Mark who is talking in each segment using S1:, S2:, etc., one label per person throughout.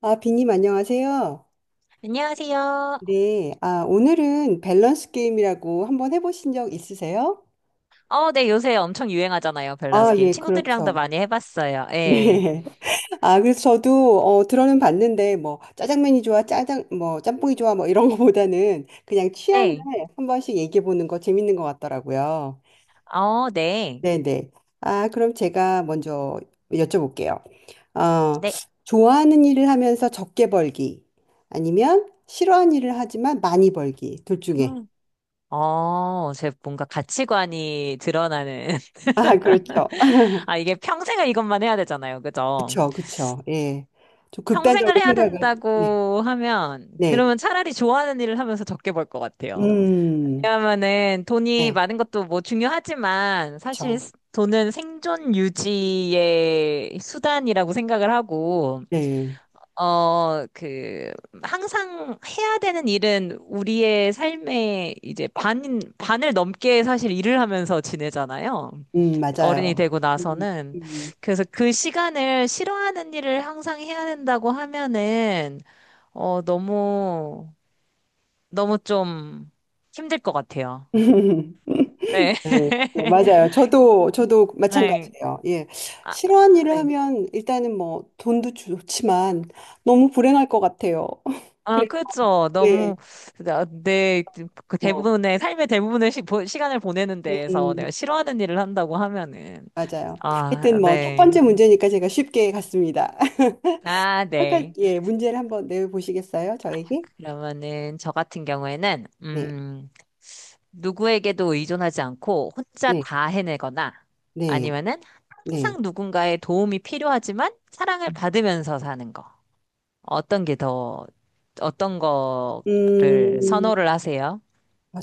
S1: 아, 비님 안녕하세요.
S2: 안녕하세요.
S1: 네. 아, 오늘은 밸런스 게임이라고 한번 해보신 적 있으세요?
S2: 어, 네, 요새 엄청 유행하잖아요, 밸런스
S1: 아,
S2: 게임.
S1: 예,
S2: 친구들이랑도
S1: 그렇죠.
S2: 많이 해봤어요. 예.
S1: 네. 아, 그래서 저도 들어는 봤는데 뭐 짜장면이 좋아, 짜장 뭐 짬뽕이 좋아 뭐 이런 거보다는 그냥 취향을
S2: 네.
S1: 한 번씩 얘기해 보는 거 재밌는 것 같더라고요.
S2: 어, 네.
S1: 네, 네. 아, 그럼 제가 먼저 여쭤볼게요. 어,
S2: 네.
S1: 좋아하는 일을 하면서 적게 벌기 아니면 싫어하는 일을 하지만 많이 벌기 둘 중에.
S2: 음. 어, 제 뭔가 가치관이 드러나는.
S1: 아, 그렇죠.
S2: 아, 이게 평생을 이것만 해야 되잖아요. 그죠?
S1: 그쵸, 그쵸. 예. 좀 극단적으로
S2: 평생을 해야
S1: 생각을, 네.
S2: 된다고 하면,
S1: 네.
S2: 그러면 차라리 좋아하는 일을 하면서 적게 벌 것 같아요.
S1: 음,
S2: 왜냐하면은 돈이
S1: 네.
S2: 많은 것도 뭐 중요하지만, 사실
S1: 그쵸.
S2: 돈은 생존 유지의 수단이라고 생각을 하고,
S1: 네.
S2: 어, 그, 항상 해야 되는 일은 우리의 삶의 이제 반을 넘게 사실 일을 하면서 지내잖아요. 어른이
S1: 맞아요.
S2: 되고
S1: 음,
S2: 나서는.
S1: 음.
S2: 그래서 그 시간을 싫어하는 일을 항상 해야 된다고 하면은, 어, 너무, 너무 좀 힘들 것 같아요. 네.
S1: 네, 네, 맞아요. 저도
S2: 네.
S1: 마찬가지예요. 예.
S2: 아,
S1: 싫어하는
S2: 아,
S1: 일을
S2: 네.
S1: 하면 일단은 뭐 돈도 좋지만 너무 불행할 것 같아요.
S2: 아,
S1: 그래서,
S2: 그렇죠.
S1: 예,
S2: 나- 내, 그
S1: 뭐,
S2: 대부분의 시간을 보내는 데에서
S1: 음,
S2: 내가 싫어하는 일을 한다고 하면은
S1: 맞아요. 하여튼
S2: 아,
S1: 뭐 첫
S2: 네.
S1: 번째 문제니까 제가 쉽게 갔습니다.
S2: 아,
S1: 아까,
S2: 네.
S1: 예, 문제를 한번 내보시겠어요? 저에게?
S2: 그러면은 저 같은 경우에는
S1: 네.
S2: 누구에게도 의존하지 않고 혼자
S1: 네,
S2: 다 해내거나
S1: 네,
S2: 아니면은
S1: 네.
S2: 항상 누군가의 도움이 필요하지만 사랑을
S1: 음.
S2: 받으면서 사는 거. 어떤 게 더, 어떤 거를
S1: 음,
S2: 선호를 하세요?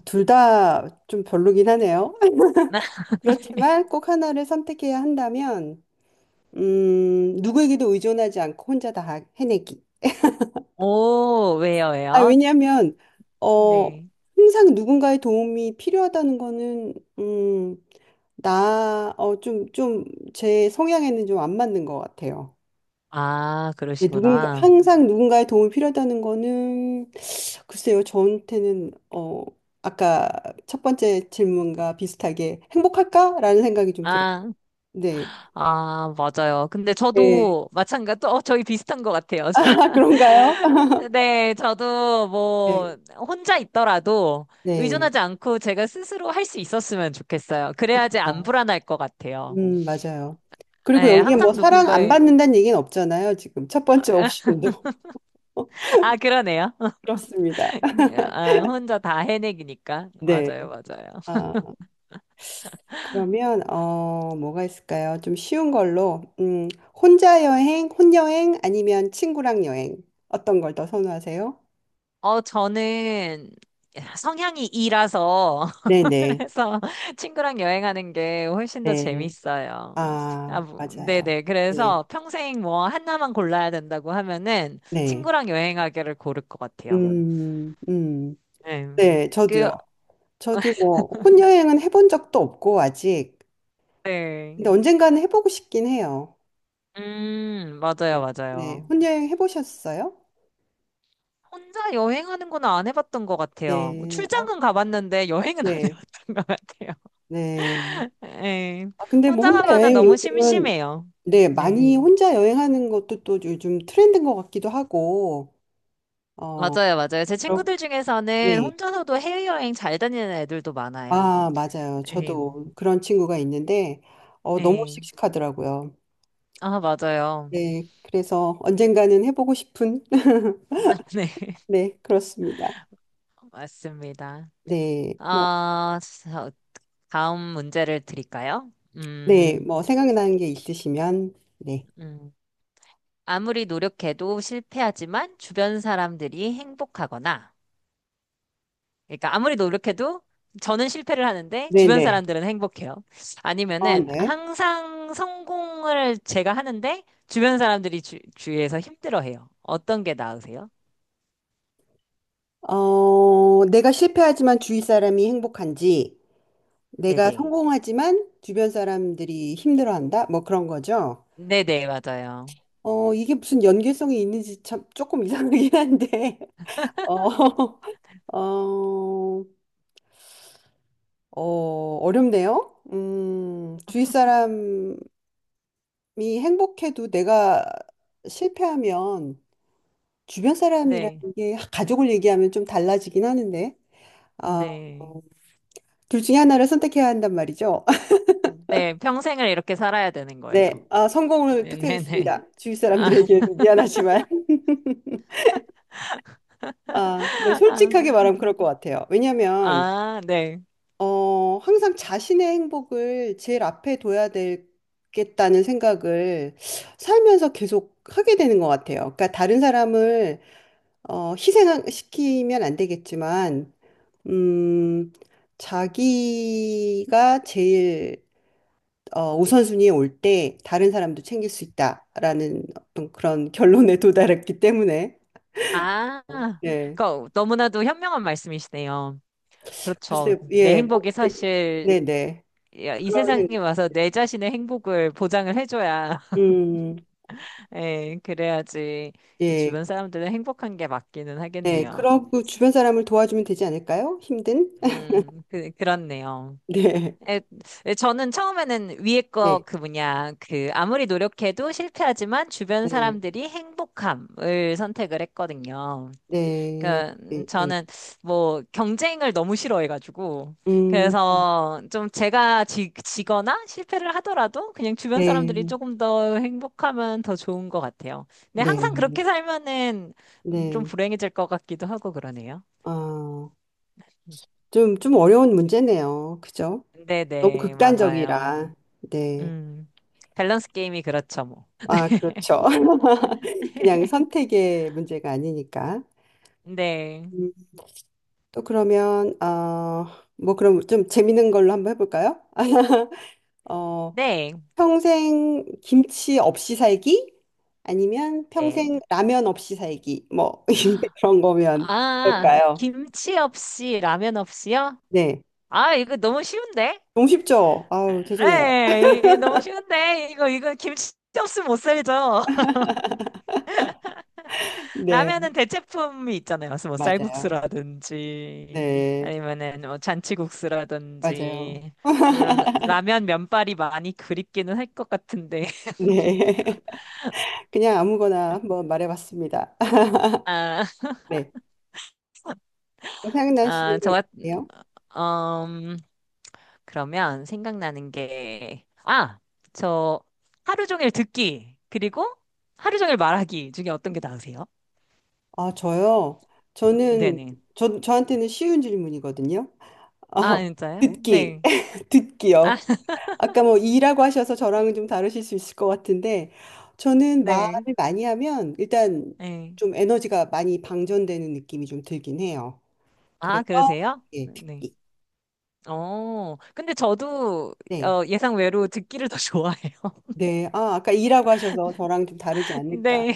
S1: 둘 다 좀 별로긴 하네요. 그렇지만 꼭 하나를 선택해야 한다면, 누구에게도 의존하지 않고 혼자 다 해내기.
S2: 오,
S1: 아,
S2: 왜요?
S1: 왜냐하면, 어,
S2: 네.
S1: 항상 누군가의 도움이 필요하다는 거는, 음, 좀, 제 성향에는 좀 안 맞는 것 같아요.
S2: 아,
S1: 네,
S2: 그러시구나.
S1: 항상 누군가의 도움이 필요하다는 거는 글쎄요, 저한테는 아까 첫 번째 질문과 비슷하게 행복할까라는 생각이 좀 들어요.
S2: 아,
S1: 네.
S2: 아, 맞아요. 근데
S1: 네.
S2: 저도 마찬가지, 어, 저희 비슷한 것 같아요.
S1: 아, 그런가요?
S2: 네, 저도
S1: 네.
S2: 뭐, 혼자 있더라도
S1: 네.
S2: 의존하지 않고 제가 스스로 할 수 있었으면 좋겠어요. 그래야지 안
S1: 어,
S2: 불안할 것 같아요.
S1: 맞아요. 그리고
S2: 네,
S1: 여기에 뭐
S2: 항상
S1: 사랑 안
S2: 누군가의,
S1: 받는다는 얘기는 없잖아요, 지금. 첫 번째 옵션도.
S2: 아, 그러네요.
S1: 그렇습니다.
S2: 아, 혼자 다 해내기니까.
S1: 네.
S2: 맞아요, 맞아요.
S1: 아, 그러면 뭐가 있을까요? 좀 쉬운 걸로 혼자 여행, 혼여행 아니면 친구랑 여행 어떤 걸 더 선호하세요?
S2: 어, 저는 성향이 이라서
S1: 네네.
S2: 그래서 친구랑 여행하는 게 훨씬 더
S1: 네.
S2: 재밌어요. 아,
S1: 아,
S2: 뭐,
S1: 맞아요.
S2: 네네.
S1: 네,
S2: 그래서 평생 뭐 하나만 골라야 된다고 하면은
S1: 네.
S2: 친구랑 여행하기를 고를 것 같아요.
S1: 음, 음.
S2: 네.
S1: 네,
S2: 그,
S1: 저도요. 저도 뭐, 혼여행은 해본 적도 없고, 아직.
S2: 네.
S1: 근데 언젠가는 해보고 싶긴 해요.
S2: 맞아요,
S1: 네, 네.
S2: 맞아요.
S1: 혼여행 해보셨어요?
S2: 혼자 여행하는 건 안 해봤던 것 같아요. 뭐
S1: 네, 어,
S2: 출장은 가봤는데 여행은 안
S1: 네,
S2: 해봤던 것 같아요.
S1: 네.
S2: 네.
S1: 아, 근데 뭐,
S2: 혼자
S1: 혼자
S2: 가면은
S1: 여행
S2: 너무
S1: 요즘은,
S2: 심심해요.
S1: 네,
S2: 네.
S1: 많이 혼자 여행하는 것도 또 요즘 트렌드인 것 같기도 하고, 어,
S2: 맞아요, 맞아요. 제
S1: 그렇,
S2: 친구들 중에서는
S1: 네.
S2: 혼자서도 해외여행 잘 다니는 애들도 많아요.
S1: 아, 맞아요.
S2: 예,
S1: 저도 그런 친구가 있는데, 너무
S2: 예.
S1: 씩씩하더라고요.
S2: 아, 맞아요.
S1: 네, 그래서 언젠가는 해보고 싶은,
S2: 네,
S1: 네, 그렇습니다.
S2: 맞습니다.
S1: 네, 뭐,
S2: 아, 저- 다음 문제를 드릴까요?
S1: 네,
S2: 음,
S1: 뭐, 생각나는 게 있으시면, 네.
S2: 음. 아무리 노력해도 실패하지만 주변 사람들이 행복하거나, 그러니까 아무리 노력해도 저는 실패를 하는데 주변
S1: 네네.
S2: 사람들은 행복해요.
S1: 어,
S2: 아니면은
S1: 네.
S2: 항상 성공을 제가 하는데 주변 사람들이 주위에서 힘들어해요. 어떤 게 나으세요?
S1: 내가 실패하지만 주위 사람이 행복한지, 내가
S2: 네네.
S1: 성공하지만 주변 사람들이 힘들어한다? 뭐 그런 거죠.
S2: 네네, 맞아요.
S1: 이게 무슨 연계성이 있는지 참 조금 이상하긴 한데, 어, 어, 어렵네요. 주위 사람, 이 행복해도 내가 실패하면 주변 사람이라는
S2: 네,
S1: 게 가족을 얘기하면 좀 달라지긴 하는데 아,
S2: 네.
S1: 어, 둘 중에 하나를 선택해야 한단 말이죠.
S2: 네, 평생을 이렇게 살아야 되는 거예요.
S1: 네, 아, 성공을
S2: 네네네.
S1: 택하겠습니다. 주위
S2: 아,
S1: 사람들에게 미안하지만 아, 네,
S2: 아,
S1: 솔직하게 말하면 그럴 것 같아요. 왜냐하면
S2: 아, 네.
S1: 항상 자신의 행복을 제일 앞에 둬야 되겠다는 생각을 살면서 계속 하게 되는 것 같아요. 그러니까 다른 사람을 희생시키면 안 되겠지만 음, 자기가 제일 우선순위에 올 때 다른 사람도 챙길 수 있다라는 어떤 그런 결론에 도달했기 때문에
S2: 아,
S1: 어, 네
S2: 그 너무나도 현명한 말씀이시네요. 그렇죠.
S1: 글쎄
S2: 내
S1: 예뭐
S2: 행복이
S1: 근데
S2: 사실
S1: 네네
S2: 이
S1: 그런 생-
S2: 세상에 와서 내 자신의 행복을 보장을 해줘야,
S1: 음,
S2: 예, 그래야지
S1: 예,
S2: 주변 사람들은 행복한 게 맞기는
S1: 네
S2: 하겠네요.
S1: 그러고 주변 사람을 도와주면 되지 않을까요? 힘든
S2: 그렇네요.
S1: 네
S2: 에, 에, 저는 처음에는 위에 거 그
S1: 네
S2: 뭐냐 그 아무리 노력해도 실패하지만 주변
S1: 네
S2: 사람들이 행복함을 선택을 했거든요.
S1: 네
S2: 그
S1: 네 예
S2: 저는 뭐 경쟁을 너무 싫어해가지고
S1: 음,
S2: 그래서 좀 제가 지거나 실패를 하더라도 그냥 주변 사람들이
S1: 네,
S2: 조금 더 행복하면 더 좋은 것 같아요. 근데 항상
S1: 네,
S2: 그렇게 살면은 좀
S1: 네.
S2: 불행해질 것 같기도 하고 그러네요.
S1: 아, 좀 어려운 문제네요. 그죠? 너무
S2: 네네 맞아요.
S1: 극단적이라. 네.
S2: 음 밸런스 게임이 그렇죠 뭐.
S1: 아, 그렇죠. 그냥 선택의 문제가 아니니까.
S2: 네,
S1: 음, 또 그러면, 뭐 그럼 좀 재밌는 걸로 한번 해볼까요? 어,
S2: 네,
S1: 평생 김치 없이 살기? 아니면 평생
S2: 네.
S1: 라면 없이 살기? 뭐, 그런 거면
S2: 아,
S1: 어떨까요?
S2: 김치 없이 라면 없이요?
S1: 네.
S2: 아, 이거 너무 쉬운데?
S1: 너무 쉽죠? 아우, 죄송해요.
S2: 네, 이게 너무 쉬운데? 이거, 이거 김치 없으면 못 살죠.
S1: 네.
S2: 라면은 대체품이 있잖아요. 무슨 뭐
S1: 맞아요.
S2: 쌀국수라든지,
S1: 네.
S2: 아니면은 뭐
S1: 맞아요.
S2: 잔치국수라든지. 물론 라면 면발이 많이 그립기는 할 것 같은데.
S1: 네. 그냥 아무거나 한번 말해봤습니다.
S2: 아,
S1: 네. 뭐
S2: 아,
S1: 생각나시는 게 있으세요?
S2: 음, 그러면 생각나는 게, 아, 저 하루 종일 듣기, 그리고 하루 종일 말하기 중에 어떤 게 나으세요?
S1: 아, 저요? 저는,
S2: 네네.
S1: 저한테는 쉬운 질문이거든요. 어,
S2: 아, 진짜요?
S1: 네. 듣기.
S2: 네. 아,
S1: 듣기요. 아까 뭐 이라고 하셔서 저랑은 좀 다르실 수 있을 것 같은데, 저는
S2: 네.
S1: 말을 많이 하면 일단
S2: 네.
S1: 좀 에너지가 많이 방전되는 느낌이 좀 들긴 해요.
S2: 아,
S1: 그래서,
S2: 그러세요?
S1: 예,
S2: 네.
S1: 듣기.
S2: 어, 근데 저도
S1: 네.
S2: 어, 예상 외로 듣기를 더 좋아해요.
S1: 네. 아, 아까 이라고 하셔서 저랑 좀 다르지 않을까.
S2: 네.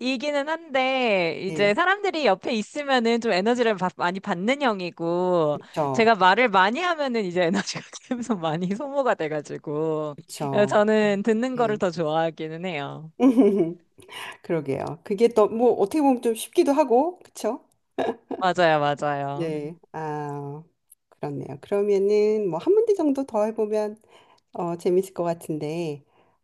S2: 이기는 한데
S1: 네.
S2: 이제 사람들이 옆에 있으면은 좀 에너지를 많이 받는 형이고
S1: 그쵸.
S2: 제가 말을 많이 하면은 이제 에너지가 계속 많이 소모가 돼가지고 어,
S1: 그쵸.
S2: 저는 듣는
S1: 네.
S2: 거를 더 좋아하기는 해요.
S1: 그러게요. 그게 또 뭐 어떻게 보면 좀 쉽기도 하고, 그쵸?
S2: 맞아요, 맞아요.
S1: 네. 아, 그렇네요. 그러면은 뭐 한 문제 정도 더 해보면 재밌을 것 같은데,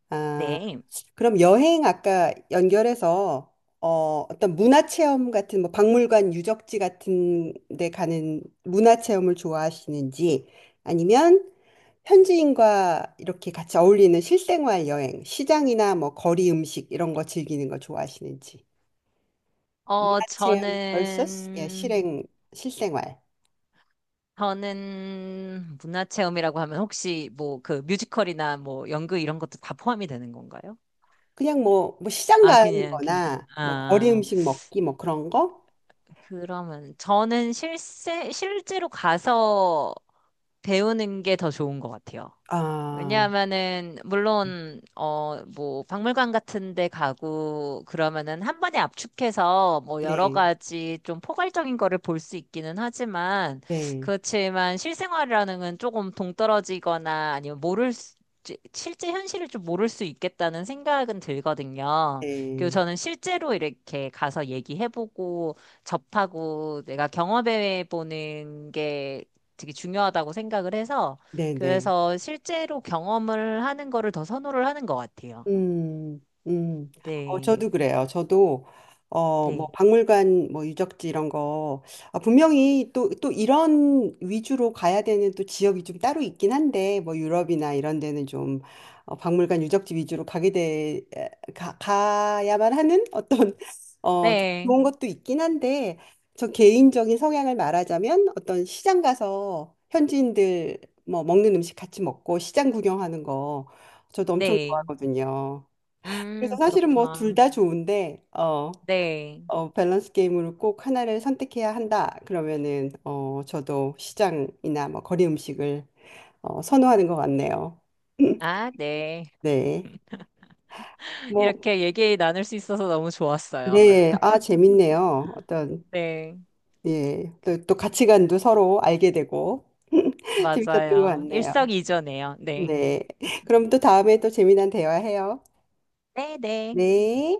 S1: 아,
S2: 네.
S1: 그럼 여행 아까 연결해서 어떤 문화 체험 같은 뭐 박물관 유적지 같은 데 가는 문화 체험을 좋아하시는지 아니면 현지인과 이렇게 같이 어울리는 실생활 여행, 시장이나 뭐 거리 음식 이런 거 즐기는 거 좋아하시는지.
S2: 어,
S1: 문화체험 vs 예,
S2: 저는
S1: 실행 실생활.
S2: 저는 문화체험이라고 하면 혹시 뭐 그 뮤지컬이나 뭐 연극 이런 것도 다 포함이 되는 건가요?
S1: 그냥 뭐, 시장
S2: 아,
S1: 가는
S2: 그냥 그냥.
S1: 거나 뭐 거리
S2: 아.
S1: 음식 먹기 뭐 그런 거?
S2: 그러면 저는 실제로 가서 배우는 게 더 좋은 것 같아요.
S1: 아,
S2: 왜냐하면은 물론 어 뭐 박물관 같은 데 가고 그러면은 한 번에 압축해서 뭐 여러
S1: 네.
S2: 가지 좀 포괄적인 거를 볼 수 있기는 하지만
S1: 네.
S2: 그렇지만 실생활이라는 건 조금 동떨어지거나 아니면 모를 수, 실제 현실을 좀 모를 수 있겠다는 생각은 들거든요. 그리고
S1: 네.
S2: 저는 실제로 이렇게 가서 얘기해보고 접하고 내가 경험해보는 게 되게 중요하다고 생각을 해서
S1: 네, 네.
S2: 그래서 실제로 경험을 하는 거를 더 선호를 하는 것 같아요.
S1: 음, 음.
S2: 네,
S1: 저도 그래요. 저도, 뭐,
S2: 네,
S1: 박물관, 뭐, 유적지 이런 거, 아, 분명히 또 이런 위주로 가야 되는 또 지역이 좀 따로 있긴 한데, 뭐, 유럽이나 이런 데는 좀, 박물관 유적지 위주로 가게 돼, 가야만 하는 어떤, 좀
S2: 네,
S1: 좋은 것도 있긴 한데, 저 개인적인 성향을 말하자면 어떤 시장 가서 현지인들 뭐, 먹는 음식 같이 먹고 시장 구경하는 거, 저도 엄청
S2: 네.
S1: 거든요. 그래서 사실은 뭐 둘
S2: 그렇구나.
S1: 다 좋은데
S2: 네.
S1: 밸런스 게임으로 꼭 하나를 선택해야 한다. 그러면은 저도 시장이나 뭐 거리 음식을 선호하는 것 같네요.
S2: 아, 네.
S1: 네. 뭐
S2: 이렇게 얘기 나눌 수 있어서 너무 좋았어요.
S1: 네. 아 재밌네요. 어떤
S2: 네,
S1: 예. 또 가치관도 서로 알게 되고 재밌었던 것
S2: 맞아요.
S1: 같네요.
S2: 일석이조네요. 네.
S1: 네. 그럼 또 다음에 또 재미난 대화해요.
S2: 네, 네.
S1: 네.